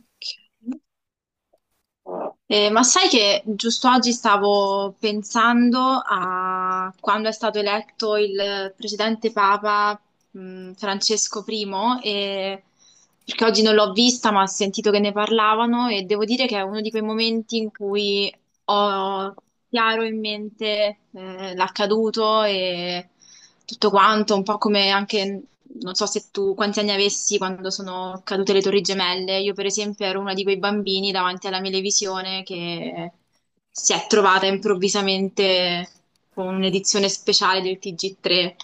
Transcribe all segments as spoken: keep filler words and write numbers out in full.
Ok. Eh, ma sai che giusto oggi stavo pensando a quando è stato eletto il precedente Papa, mh, Francesco primo, e- perché oggi non l'ho vista, ma ho sentito che ne parlavano e devo dire che è uno di quei momenti in cui ho chiaro in mente eh, l'accaduto e tutto quanto, un po' come anche, non so se tu quanti anni avessi quando sono cadute le Torri Gemelle. Io, per esempio, ero una di quei bambini davanti alla mia televisione che si è trovata improvvisamente con un'edizione speciale del T G tre.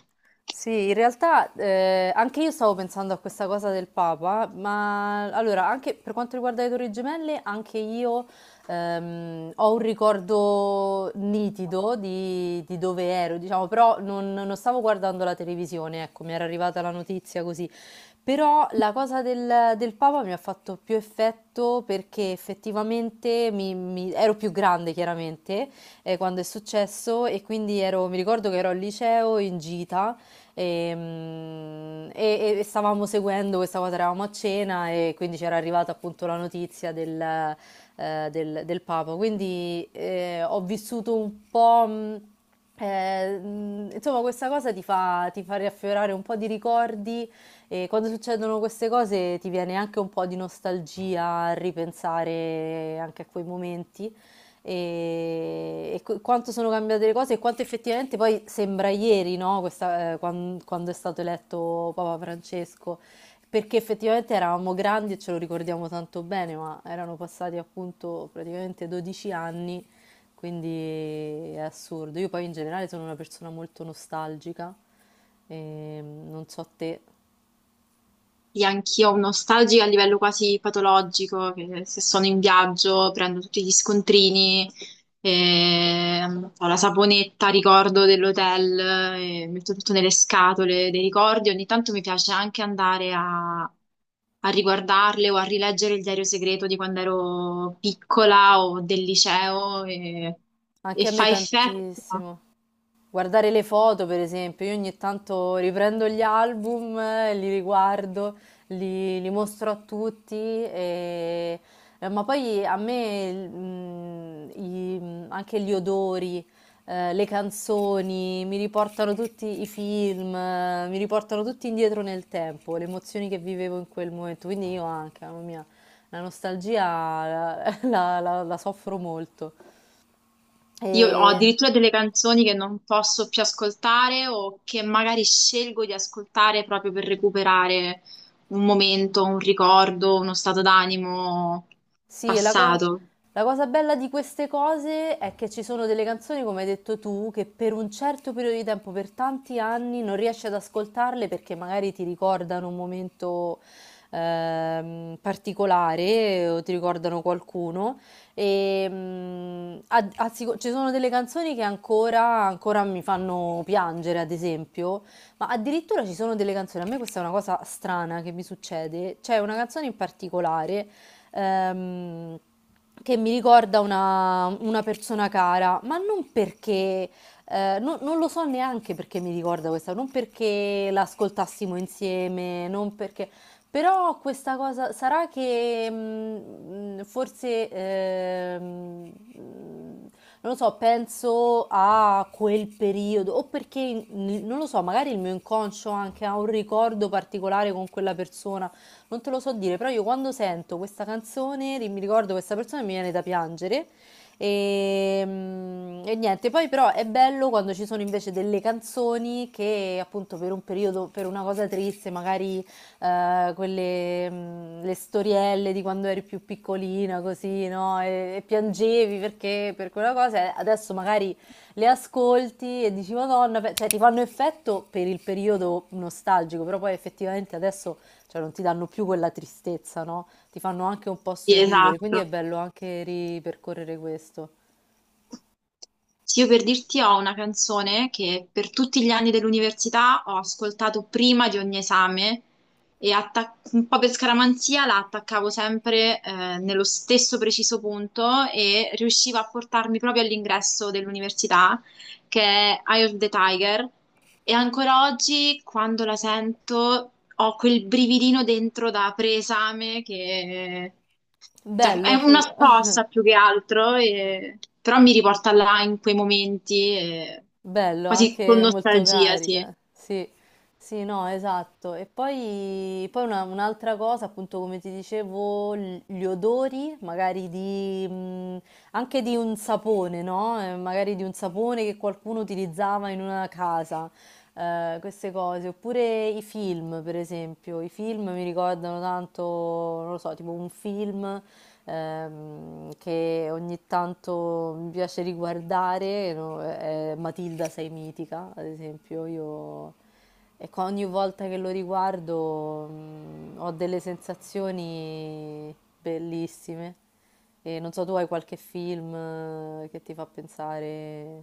Sì, in realtà eh, anche io stavo pensando a questa cosa del Papa, ma allora, anche per quanto riguarda le Torri Gemelle, anche io ehm, ho un ricordo nitido di, di dove ero, diciamo, però non, non stavo guardando la televisione, ecco, mi era arrivata la notizia così. Però la cosa del, del Papa mi ha fatto più effetto perché effettivamente mi- mi- ero più grande, chiaramente, eh, quando è successo e quindi ero, mi ricordo che ero al liceo in gita e, mm, e- e stavamo seguendo questa cosa, eravamo a cena e quindi c'era arrivata appunto la notizia del, eh, del- del Papa. Quindi eh, ho vissuto un po', mm, eh, mm, insomma, questa cosa ti fa, ti fa riaffiorare un po' di ricordi e quando succedono queste cose ti viene anche un po' di nostalgia a ripensare anche a quei momenti e, e qu- quanto sono cambiate le cose e quanto effettivamente poi sembra ieri, no? Questa, eh, quan- quando è stato eletto Papa Francesco, perché effettivamente eravamo grandi e ce lo ricordiamo tanto bene, ma erano passati appunto praticamente dodici anni, quindi è assurdo. Io poi in generale sono una persona molto nostalgica, e non so te, Sì, anch'io ho un nostalgico a livello quasi patologico, che se sono in viaggio prendo tutti gli scontrini, e ho la saponetta, ricordo dell'hotel, e metto tutto nelle scatole dei ricordi. Ogni tanto mi piace anche andare a, a riguardarle o a rileggere il diario segreto di quando ero piccola o del liceo e, e anche a me fa effetto. tantissimo. Guardare le foto, per esempio, io ogni tanto riprendo gli album, eh, li riguardo, li, li mostro a tutti, e- eh, ma poi a me il- mm, i- mm, anche gli odori, eh, le canzoni, mi riportano tutti i film, eh, mi riportano tutti indietro nel tempo, le emozioni che vivevo in quel momento, quindi io anche, mamma mia, la nostalgia la la- la- la soffro molto. Io ho E... addirittura delle canzoni che non posso più ascoltare o che magari scelgo di ascoltare proprio per recuperare un momento, un ricordo, uno stato d'animo Sì, e la, co- passato. la cosa bella di queste cose è che ci sono delle canzoni, come hai detto tu, che per un certo periodo di tempo, per tanti anni, non riesci ad ascoltarle perché magari ti ricordano un momento ehm, particolare o ti ricordano qualcuno. E, mm, a- a- sicu- ci sono delle canzoni che ancora, ancora mi fanno piangere, ad esempio. Ma addirittura ci sono delle canzoni, a me questa è una cosa strana che mi succede, c'è una canzone in particolare ehm, che mi ricorda una, una persona cara, ma non perché, eh, non, non lo so neanche perché mi ricorda questa, non perché l'ascoltassimo insieme, non perché, però questa cosa sarà che mm, mm, forse, ehm, mm, non lo so, penso a quel periodo, o perché, mm, non lo so, magari il mio inconscio anche ha un ricordo particolare con quella persona, non te lo so dire, però io quando sento questa canzone ri- mi ricordo questa persona e mi viene da piangere. E, mm, e niente, poi però è bello quando ci sono invece delle canzoni che appunto per un periodo, per una cosa triste, magari eh, quelle, mm, le storielle di quando eri più piccolina, così, no? E, e piangevi perché per quella cosa, eh, adesso magari le ascolti e dici Madonna, pe- cioè ti fanno effetto per il periodo nostalgico, però poi effettivamente adesso, cioè non ti danno più quella tristezza, no? Ti fanno anche un po' Sì, sorridere, quindi è esatto. bello anche ripercorrere questo. Sì, io per dirti ho una canzone che per tutti gli anni dell'università ho ascoltato prima di ogni esame e attac- un po' per scaramanzia la attaccavo sempre eh, nello stesso preciso punto e riusciva a portarmi proprio all'ingresso dell'università, che è Eye of the Tiger e ancora oggi, quando la sento, ho quel brividino dentro da preesame che... Cioè, è Bello, una figo. scossa più che altro, e- però mi riporta là in quei momenti, e- Bello, quasi con anche molto nostalgia, sì. carica. Sì, sì, no, esatto. E poi, poi una- un'altra cosa, appunto, come ti dicevo, l- gli odori, magari di, mh, anche di un sapone, no? Eh, magari di un sapone che qualcuno utilizzava in una casa. Eh, queste cose, oppure i film, per esempio, i film mi ricordano tanto, non lo so, tipo un film ehm, che ogni tanto mi piace riguardare, no? È Matilda sei mitica, ad esempio, io, e qua ogni volta che lo riguardo mm, ho delle sensazioni bellissime. E non so, tu hai qualche film eh, che ti fa pensare,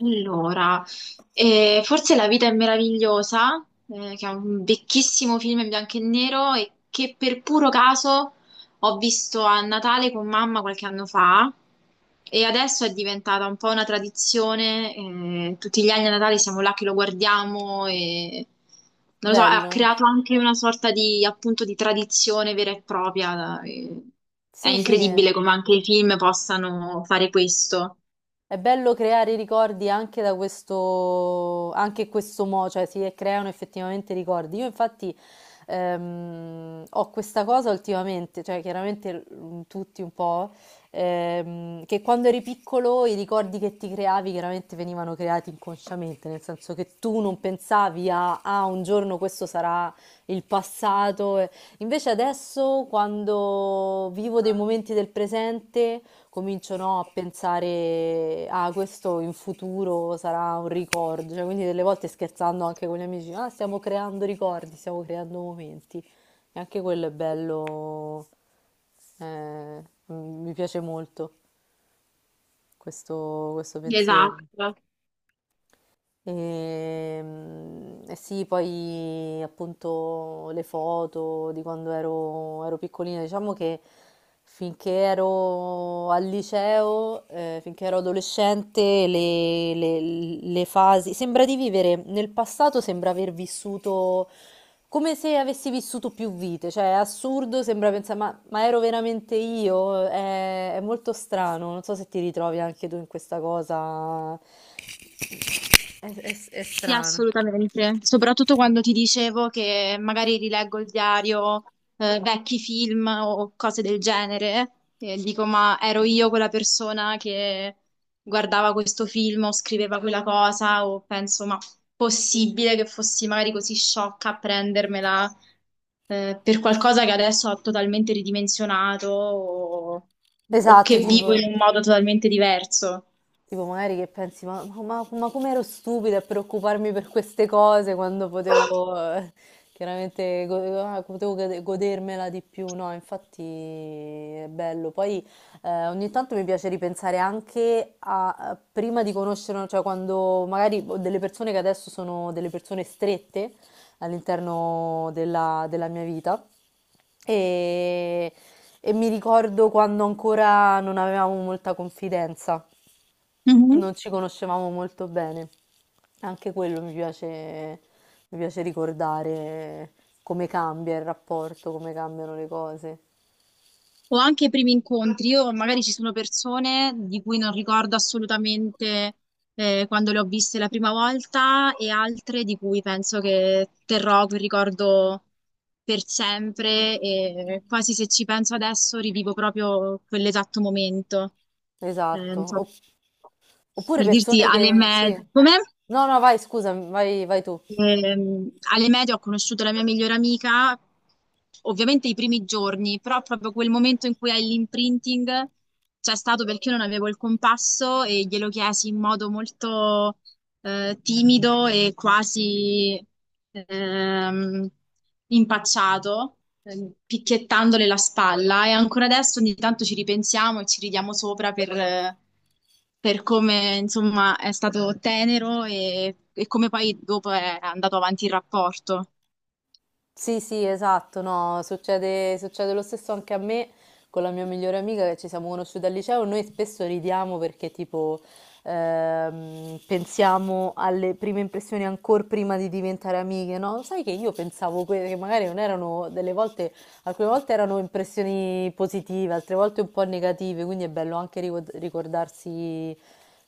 Allora, eh, forse La vita è meravigliosa, eh, che è un vecchissimo film in bianco e nero e che per puro caso ho visto a Natale con mamma qualche anno fa e adesso è diventata un po' una tradizione, eh, tutti gli anni a Natale siamo là che lo guardiamo e non lo so, ha bello? creato anche una sorta di, appunto, di tradizione vera e propria. eh, È Sì, sì. incredibile come anche i film possano fare questo. È bello creare ricordi anche da questo, anche in questo modo, cioè si creano effettivamente ricordi. Io infatti ehm, ho questa cosa ultimamente, cioè chiaramente mm, tutti un po', ehm, che quando eri piccolo i ricordi che ti creavi chiaramente venivano creati inconsciamente, nel senso che tu non pensavi a, ah, un giorno questo sarà il passato. Invece adesso quando vivo dei momenti del presente cominciano a pensare, ah, questo in futuro sarà un ricordo, cioè, quindi delle volte scherzando anche con gli amici, ah, stiamo creando ricordi, stiamo creando momenti, e anche quello è bello, eh, m- mi piace molto questo questo pensiero. Esatto. Ehm, E, sì, poi appunto le foto di quando ero, ero piccolina, diciamo che finché ero al liceo, eh, finché ero adolescente, le, le- le fasi, sembra di vivere nel passato, sembra aver vissuto come se avessi vissuto più vite, cioè è assurdo, sembra pensare, ma, ma ero veramente io? È, è molto strano, non so se ti ritrovi anche tu in questa cosa, è, è è Sì, strano. assolutamente, soprattutto quando ti dicevo che magari rileggo il diario, eh, vecchi film o cose del genere, e dico, ma ero io quella persona che guardava questo film o scriveva quella cosa, o penso, ma possibile che fossi magari così sciocca a prendermela, eh, per qualcosa che adesso ho totalmente ridimensionato o o Esatto, che vivo tipo. in un modo totalmente diverso. Tipo, magari che pensi, ma, ma, ma come ero stupida a preoccuparmi per queste cose quando potevo, eh, chiaramente, go- ah, potevo gode- godermela di più, no? Infatti è bello. Poi eh, ogni tanto mi piace ripensare anche a, a prima di conoscere, cioè quando magari ho delle persone che adesso sono delle persone strette all'interno della della mia vita. E, e mi ricordo quando ancora non avevamo molta confidenza. Mhm. Non ci conoscevamo molto bene. Anche quello mi piace, mi piace ricordare come cambia il rapporto, come cambiano le cose. O anche i primi incontri, io magari ci sono persone di cui non ricordo assolutamente eh, quando le ho viste la prima volta e altre di cui penso che terrò quel ricordo per sempre e quasi se ci penso adesso rivivo proprio quell'esatto momento. Eh, non Esatto. so, Opp- oppure per dirti persone alle che... Sì. medie. Come? No, no, vai, scusa, vai, vai tu. Ehm, Alle medie ho conosciuto la mia migliore amica, ovviamente i primi giorni, però proprio quel momento in cui hai l'imprinting c'è stato perché io non avevo il compasso e glielo chiesi in modo molto eh, timido e quasi ehm, impacciato, eh, picchiettandole la spalla e ancora adesso ogni tanto ci ripensiamo e ci ridiamo sopra per, eh, per come insomma è stato tenero e, e come poi dopo è andato avanti il rapporto. Sì, sì, esatto, no, succede, succede lo stesso anche a me con la mia migliore amica che ci siamo conosciute al liceo. Noi spesso ridiamo perché tipo ehm, pensiamo alle prime impressioni ancora prima di diventare amiche, no? Sai che io pensavo que- che magari non erano delle volte, alcune volte erano impressioni positive, altre volte un po' negative, quindi è bello anche ricor- ricordarsi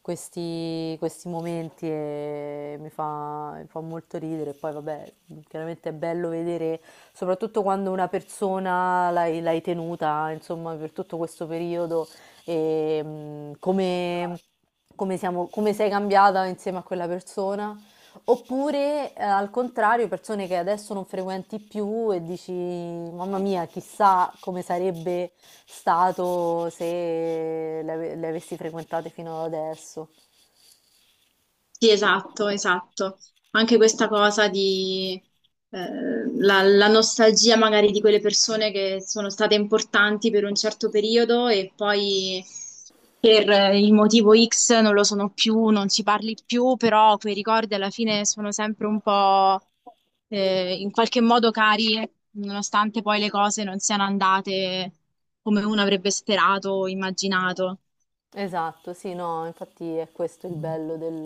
questi, questi momenti e mi fa, mi fa molto ridere. Poi, vabbè, chiaramente è bello vedere, soprattutto quando una persona l'hai, l'hai tenuta, insomma, per tutto questo periodo e mm, come, come siamo- come sei cambiata insieme a quella persona. Oppure, eh, al contrario, persone che adesso non frequenti più e dici, mamma mia, chissà come sarebbe stato se le, ave- le avessi frequentate fino ad adesso. Sì, esatto, esatto. Anche questa cosa di eh, la, la nostalgia magari di quelle persone che sono state importanti per un certo periodo e poi per eh, il motivo X non lo sono più, non ci parli più, però quei ricordi alla fine sono sempre un po' eh, in qualche modo cari, nonostante poi le cose non siano andate come uno avrebbe sperato o immaginato. Esatto, sì, no, infatti è questo il bello del,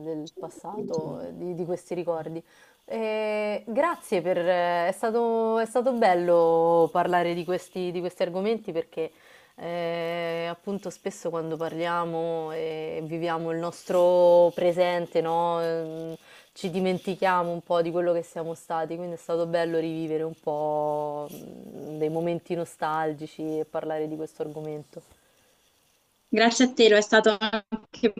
del passato, eh, di, di questi ricordi. Eh, grazie per, eh, è stato, è stato bello parlare di questi, di questi argomenti perché eh, appunto spesso quando parliamo e viviamo il nostro presente, no, ehm, ci dimentichiamo un po' di quello che siamo stati, quindi è stato bello rivivere un po' mm, dei momenti nostalgici e parlare di questo argomento. Grazie a te, lo è stato anche